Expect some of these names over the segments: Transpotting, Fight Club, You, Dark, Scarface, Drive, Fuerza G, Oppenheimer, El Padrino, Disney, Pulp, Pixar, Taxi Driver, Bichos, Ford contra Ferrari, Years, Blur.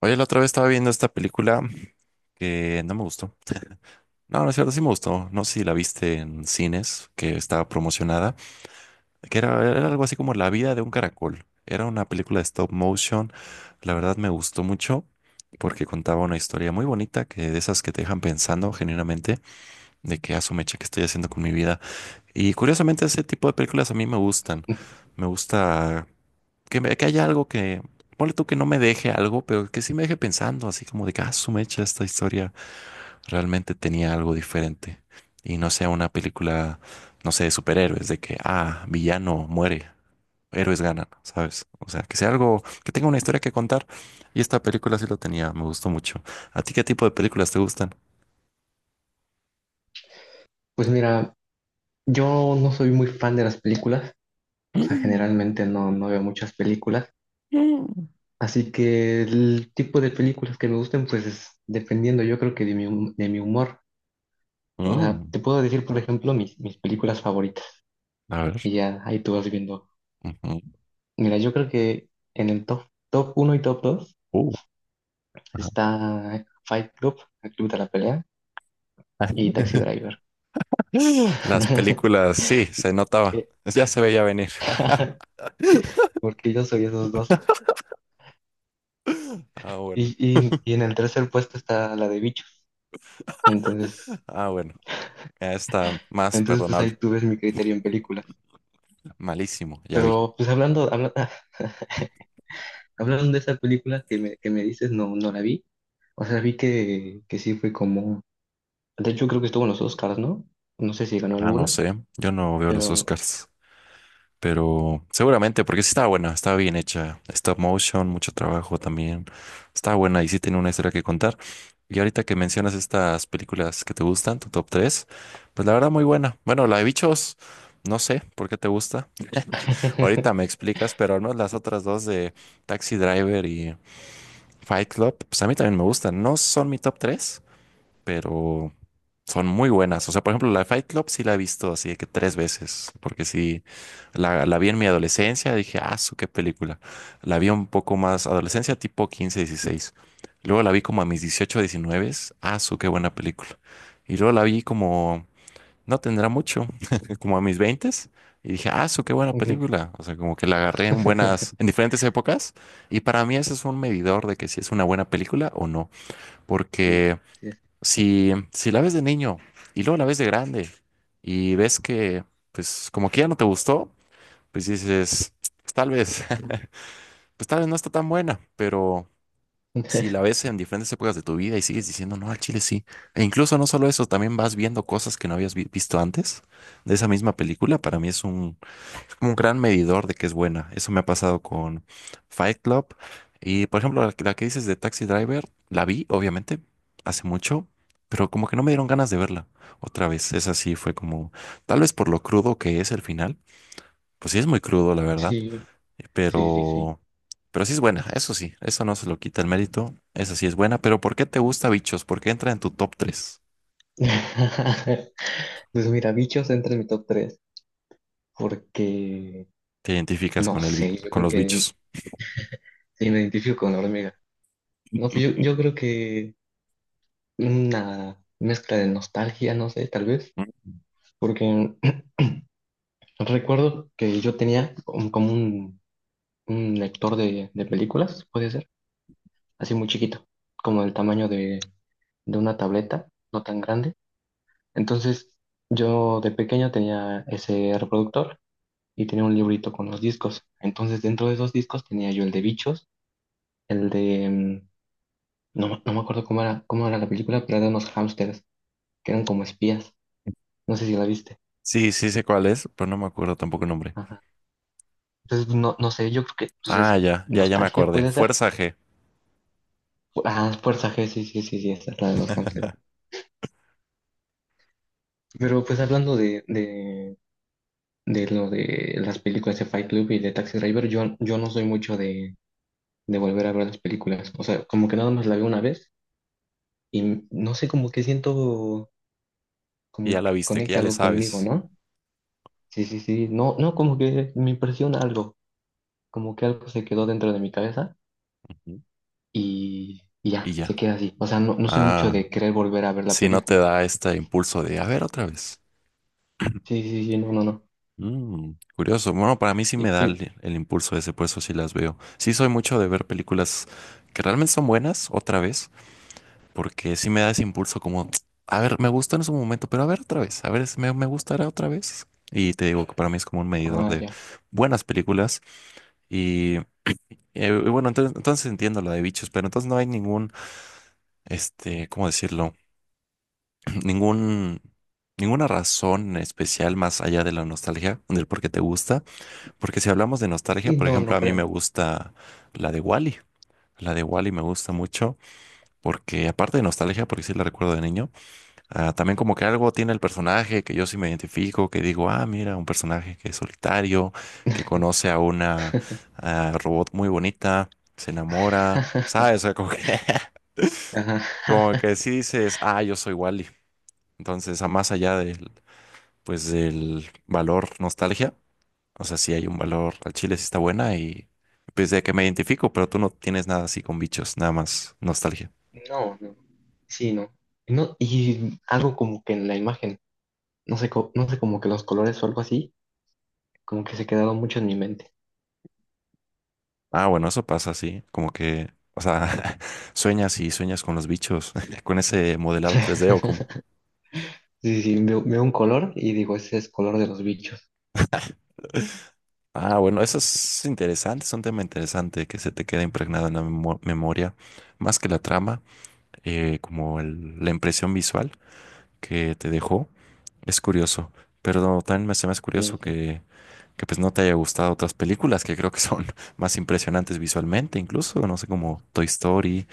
Oye, la otra vez estaba viendo esta película que no me gustó. No, no es cierto, sí me gustó. No sé si la viste en cines, que estaba promocionada, que era algo así como La vida de un caracol. Era una película de stop motion. La verdad me gustó mucho porque contaba una historia muy bonita, que de esas que te dejan pensando genuinamente de que asumeche que estoy haciendo con mi vida. Y curiosamente ese tipo de películas a mí me gustan. Me gusta que, que haya algo que, ponle tú que no me deje algo, pero que sí me deje pensando, así como de que, ah, su mecha, esta historia realmente tenía algo diferente. Y no sea una película, no sé, de superhéroes, de que, ah, villano muere, héroes ganan, ¿sabes? O sea, que sea algo, que tenga una historia que contar. Y esta película sí lo tenía, me gustó mucho. ¿A ti qué tipo de películas te gustan? Pues mira, yo no soy muy fan de las películas, o sea, Mm, generalmente no veo muchas películas, mm. así que el tipo de películas que me gusten, pues es dependiendo, yo creo que de mi humor. O sea, Mm. te puedo decir, por ejemplo, mis películas favoritas, A ver. y ya ahí tú vas viendo. Ujú. Mira, yo creo que en el top uno y top 2 Uh, ajá. está Fight Club, el Club de la Pelea, y Taxi Driver. Las películas, sí, se notaba. Porque Ya se veía venir. porque yo soy esos dos. Ah, bueno. Y en el tercer puesto está la de Bicho. Entonces, Ah, bueno. Ya está más entonces pues perdonable. ahí tú ves mi criterio en películas. Malísimo, ya vi. Pero pues hablando de esa película que me dices, no, no la vi. O sea, vi que sí fue como... De hecho, creo que estuvo en los Oscars, ¿no? No sé si ganó Ah, no alguna, sé. Yo no veo los pero... Oscars. Pero seguramente, porque sí estaba buena, estaba bien hecha. Stop motion, mucho trabajo también. Estaba buena y sí tiene una historia que contar. Y ahorita que mencionas estas películas que te gustan, tu top tres, pues la verdad muy buena. Bueno, la de bichos, no sé por qué te gusta. Ahorita me explicas, pero no las otras dos de Taxi Driver y Fight Club, pues a mí también me gustan. No son mi top tres, pero son muy buenas. O sea, por ejemplo, la de Fight Club sí la he visto así de que tres veces, porque sí, la vi en mi adolescencia, dije, ah, su qué película. La vi un poco más adolescencia, tipo 15 16. Luego la vi como a mis 18 19, ah, su qué buena película. Y luego la vi como, no tendrá mucho, como a mis 20. Y dije, ah, su qué buena Ujú. película. O sea, como que la agarré en buenas, en diferentes épocas. Y para mí ese es un medidor de que si es una buena película o no. Sí, Porque sí, si la ves de niño y luego la ves de grande y ves que, pues, como que ya no te gustó, pues dices, "Pues, tal vez, pues tal vez no está tan buena, pero si la ves en diferentes épocas de tu vida y sigues diciendo, no, al chile sí. E incluso no solo eso, también vas viendo cosas que no habías visto antes de esa misma película. Para mí es un, como un gran medidor de que es buena. Eso me ha pasado con Fight Club. Y por ejemplo, que la que dices de Taxi Driver, la vi, obviamente, hace mucho, pero como que no me dieron ganas de verla otra vez. Esa sí fue como, tal vez por lo crudo que es el final. Pues sí es muy crudo, la verdad, sí, eh, sí, sí, sí. pero, pero sí es buena, eso sí, eso no se lo quita el mérito, esa sí es buena, pero ¿por qué te gusta Bichos? ¿Por qué entra en tu top tres? Pues mira, Bichos entra en mi top 3 porque, ¿Te identificas no con sé, yo con creo los que bichos? sí me identifico con la hormiga. No, pues yo creo que una mezcla de nostalgia, no sé, tal vez, Mm. porque recuerdo que como un lector de películas, puede ser, así muy chiquito, como el tamaño de una tableta, no tan grande. Entonces, yo de pequeño tenía ese reproductor y tenía un librito con los discos. Entonces, dentro de esos discos tenía yo el de Bichos, el no, no me acuerdo cómo era la película, pero era de unos hámsters que eran como espías. No sé si la viste. Sí, sí sé cuál es, pero no me acuerdo tampoco el nombre. Entonces, no, no sé, yo creo que pues es Ah, ya, ya, ya me nostalgia, acordé. puede ser. Fuerza G. Ah, Fuerza G, sí, sí, sí, sí, esa es la de los hamsters. Pero pues Mm. hablando de lo de las películas de Fight Club y de Taxi Driver, yo no soy mucho de volver a ver las películas. O sea, como que nada más la veo una vez y no sé, como que siento Y ya como la que viste, que conecta ya le algo conmigo, sabes. ¿no? Sí, sí, sí, no, no, como que me impresiona algo, como que algo se quedó dentro de mi cabeza Ujú. Y Y ya, se ya. queda así. O sea, no, no soy mucho Ah, de querer volver a ver la si no te película. da este impulso de, a ver, otra vez. Sí, sí, sí, no, no, no. Mm, curioso. Bueno, para mí sí me Y, da y- el impulso ese, por eso sí las veo. Sí soy mucho de ver películas que realmente son buenas, otra vez, porque sí me da ese impulso como, "Tsk, a ver, me gustó en su momento, pero a ver otra vez, a ver, me gustará otra vez. Y te digo que para mí es como un medidor ah, de ya. buenas películas. y bueno, entonces entiendo lo de bichos, pero entonces no hay ningún, ¿cómo decirlo? Ningún, ninguna razón especial más allá de la nostalgia, del por qué te gusta. Porque si hablamos de nostalgia, Y por no, ejemplo, no a mí me creo. gusta la de Wally. La de Wally me gusta mucho porque, aparte de nostalgia, porque sí la recuerdo de niño. Ah, también como que algo tiene el personaje que yo sí me identifico, que digo, ah, mira, un personaje que es solitario, que conoce a una robot muy bonita, se enamora, ¿sabes? O sea, como que, como Ajá. que sí dices, ah, yo soy Wally. Entonces, a más allá del, pues, del valor nostalgia, o sea, sí hay un valor al chile, sí está buena y pues de que me identifico, pero tú no tienes nada así con bichos, nada más nostalgia. No, no. Sí, no. No, y algo como que en la imagen, no sé, no sé, como que los colores o algo así, como que se quedaron mucho en mi mente. Ah, bueno, eso pasa, sí. Como que, o sea, sueñas y sueñas con los bichos, con ese modelado 3D o como. Sí, sí, veo, veo un color y digo, ese es color de los bichos. Ah, bueno, eso es interesante, es un tema interesante que se te queda impregnado en la memoria, más que la trama, como la impresión visual que te dejó. Es curioso, pero no, también se me hace curioso Sí, sí. que pues no te haya gustado otras películas que creo que son más impresionantes visualmente, incluso, no sé, como Toy Story,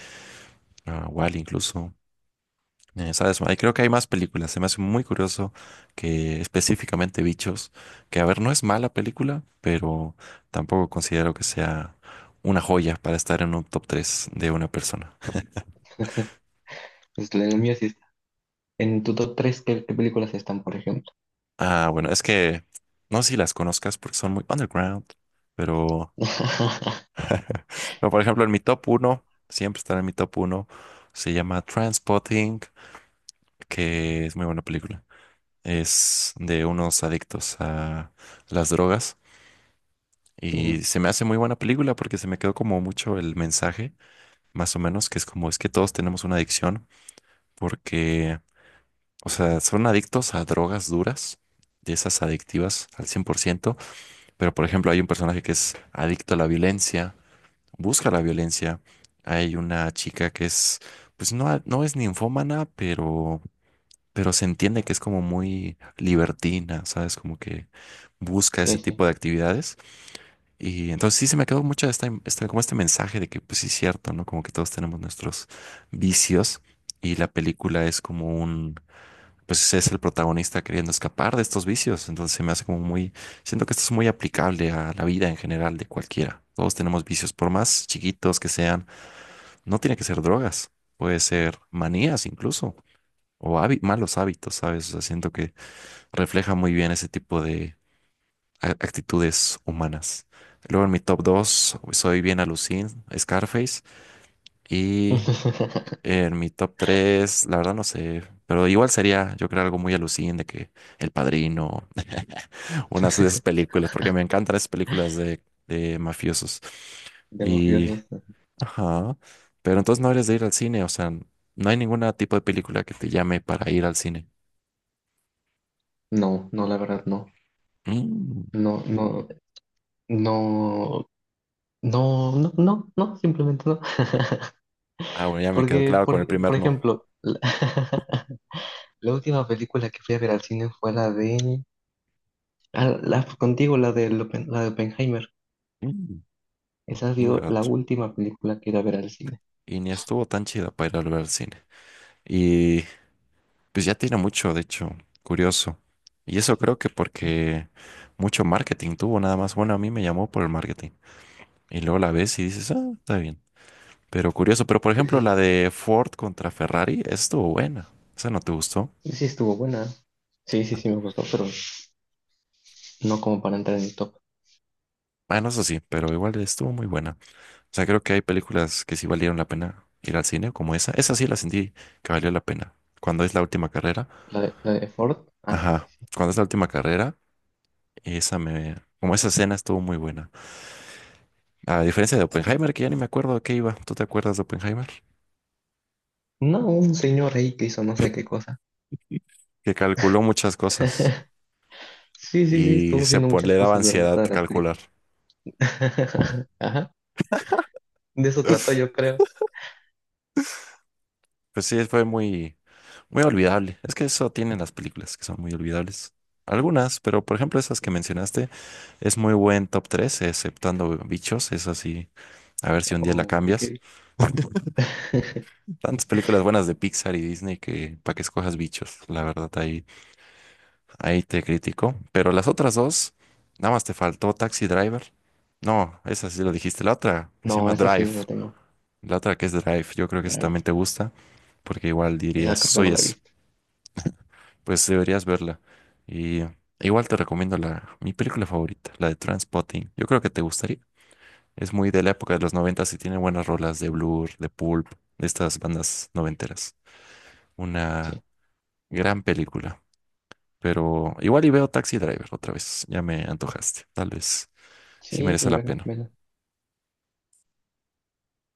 Wall incluso. ¿Sabes? Ahí creo que hay más películas. Se me hace muy curioso que específicamente Bichos, que a ver, no es mala película, pero tampoco considero que sea una joya para estar en un top 3 de una persona. Pues en el mío sí está. En tu top 3, ¿qué, qué películas están, por ejemplo? Ah, bueno, es que no sé si las conozcas porque son muy underground, pero, pero por ejemplo, en mi top uno, siempre estará en mi top uno, se llama Transpotting, que es muy buena película. Es de unos adictos a las drogas. Mm, Y se me hace muy buena película porque se me quedó como mucho el mensaje, más o menos, que es como es que todos tenemos una adicción porque, o sea, son adictos a drogas duras, de esas adictivas al 100%. Pero por ejemplo hay un personaje que es adicto a la violencia, busca la violencia, hay una chica que es, pues no, no es ninfómana, pero se entiende que es como muy libertina, ¿sabes? Como que busca sí, ese sí. tipo de actividades. Y entonces sí se me quedó mucho esta, como este mensaje de que pues sí es cierto, ¿no? Como que todos tenemos nuestros vicios y la película es como pues es el protagonista queriendo escapar de estos vicios. Entonces se me hace como siento que esto es muy aplicable a la vida en general de cualquiera. Todos tenemos vicios, por más chiquitos que sean, no tiene que ser drogas, puede ser manías incluso, o malos hábitos, ¿sabes? O sea, siento que refleja muy bien ese tipo de actitudes humanas. Luego en mi top dos, soy bien alucin, Scarface. Y en mi top 3 la verdad no sé, pero igual sería, yo creo, algo muy alucin de que El Padrino, unas de esas películas, porque me encantan esas películas de mafiosos. ¿De Y, mafiosos? ajá, pero entonces no eres de ir al cine, o sea, no hay ningún tipo de película que te llame para ir al cine. No, no, la verdad, no. Mm. No, no. No, no, no, no, no, simplemente no. Ah, bueno, ya me quedó Porque, claro con el por primer no. ejemplo, la, la última película que fui a ver al cine fue la de... ah, la, contigo, la de Oppenheimer. Mm. Esa ha sido la Ingato. última película que iba a ver al cine. Y ni estuvo tan chida para ir a ver al cine. Y pues ya tiene mucho, de hecho, curioso. Y eso Sí, creo que sí. porque mucho marketing tuvo nada más. Bueno, a mí me llamó por el marketing. Y luego la ves y dices, ah, está bien. Pero curioso, pero por Pues ejemplo la sí, de Ford contra Ferrari, esa estuvo buena. Esa no te gustó. sí estuvo buena. Sí, sí, sí me gustó, pero no como para entrar en el top. Bueno, eso sí, pero igual estuvo muy buena. O sea, creo que hay películas que sí valieron la pena ir al cine, como esa. Esa sí la sentí que valió la pena. Cuando es la última carrera. La de Ford. Ah, sí, sí, Ajá. sí. Cuando es la última carrera. Y esa me... Como esa escena estuvo muy buena. A diferencia de Oppenheimer, que ya ni me acuerdo de qué iba. ¿Tú te acuerdas de Oppenheimer? No, un señor ahí que hizo no sé qué cosa. Que calculó muchas cosas Sí, sí, sí, y estuvo haciendo muchas le daba cosas durante ansiedad toda la calcular. película. Ajá. De eso trató, yo creo. Pues sí, fue muy, muy olvidable. Es que eso tienen las películas, que son muy olvidables. Algunas, pero por ejemplo esas que mencionaste, es muy buen top 3 exceptando Bichos, es así. A ver si un día la Oh, cambias. porque... Tantas películas buenas de Pixar y Disney que para que escojas Bichos, la verdad, ahí. Ahí te critico. Pero las otras dos, nada más te faltó Taxi Driver. No, esa sí lo dijiste. La otra que se No, llama esa sí Drive. la tengo. La otra que es Drive. Yo creo que esa Mira ahí también te gusta. Porque igual dirías, esa creo que soy no la he eso. visto. Pues deberías verla. Y igual te recomiendo mi película favorita, la de Transpotting. Yo creo que te gustaría. Es muy de la época de los noventas y tiene buenas rolas de Blur, de Pulp, de estas bandas noventeras. Una Sí, gran película. Pero igual y veo Taxi Driver otra vez. Ya me antojaste. Tal vez. Sí sí, merece es la pena. verdad,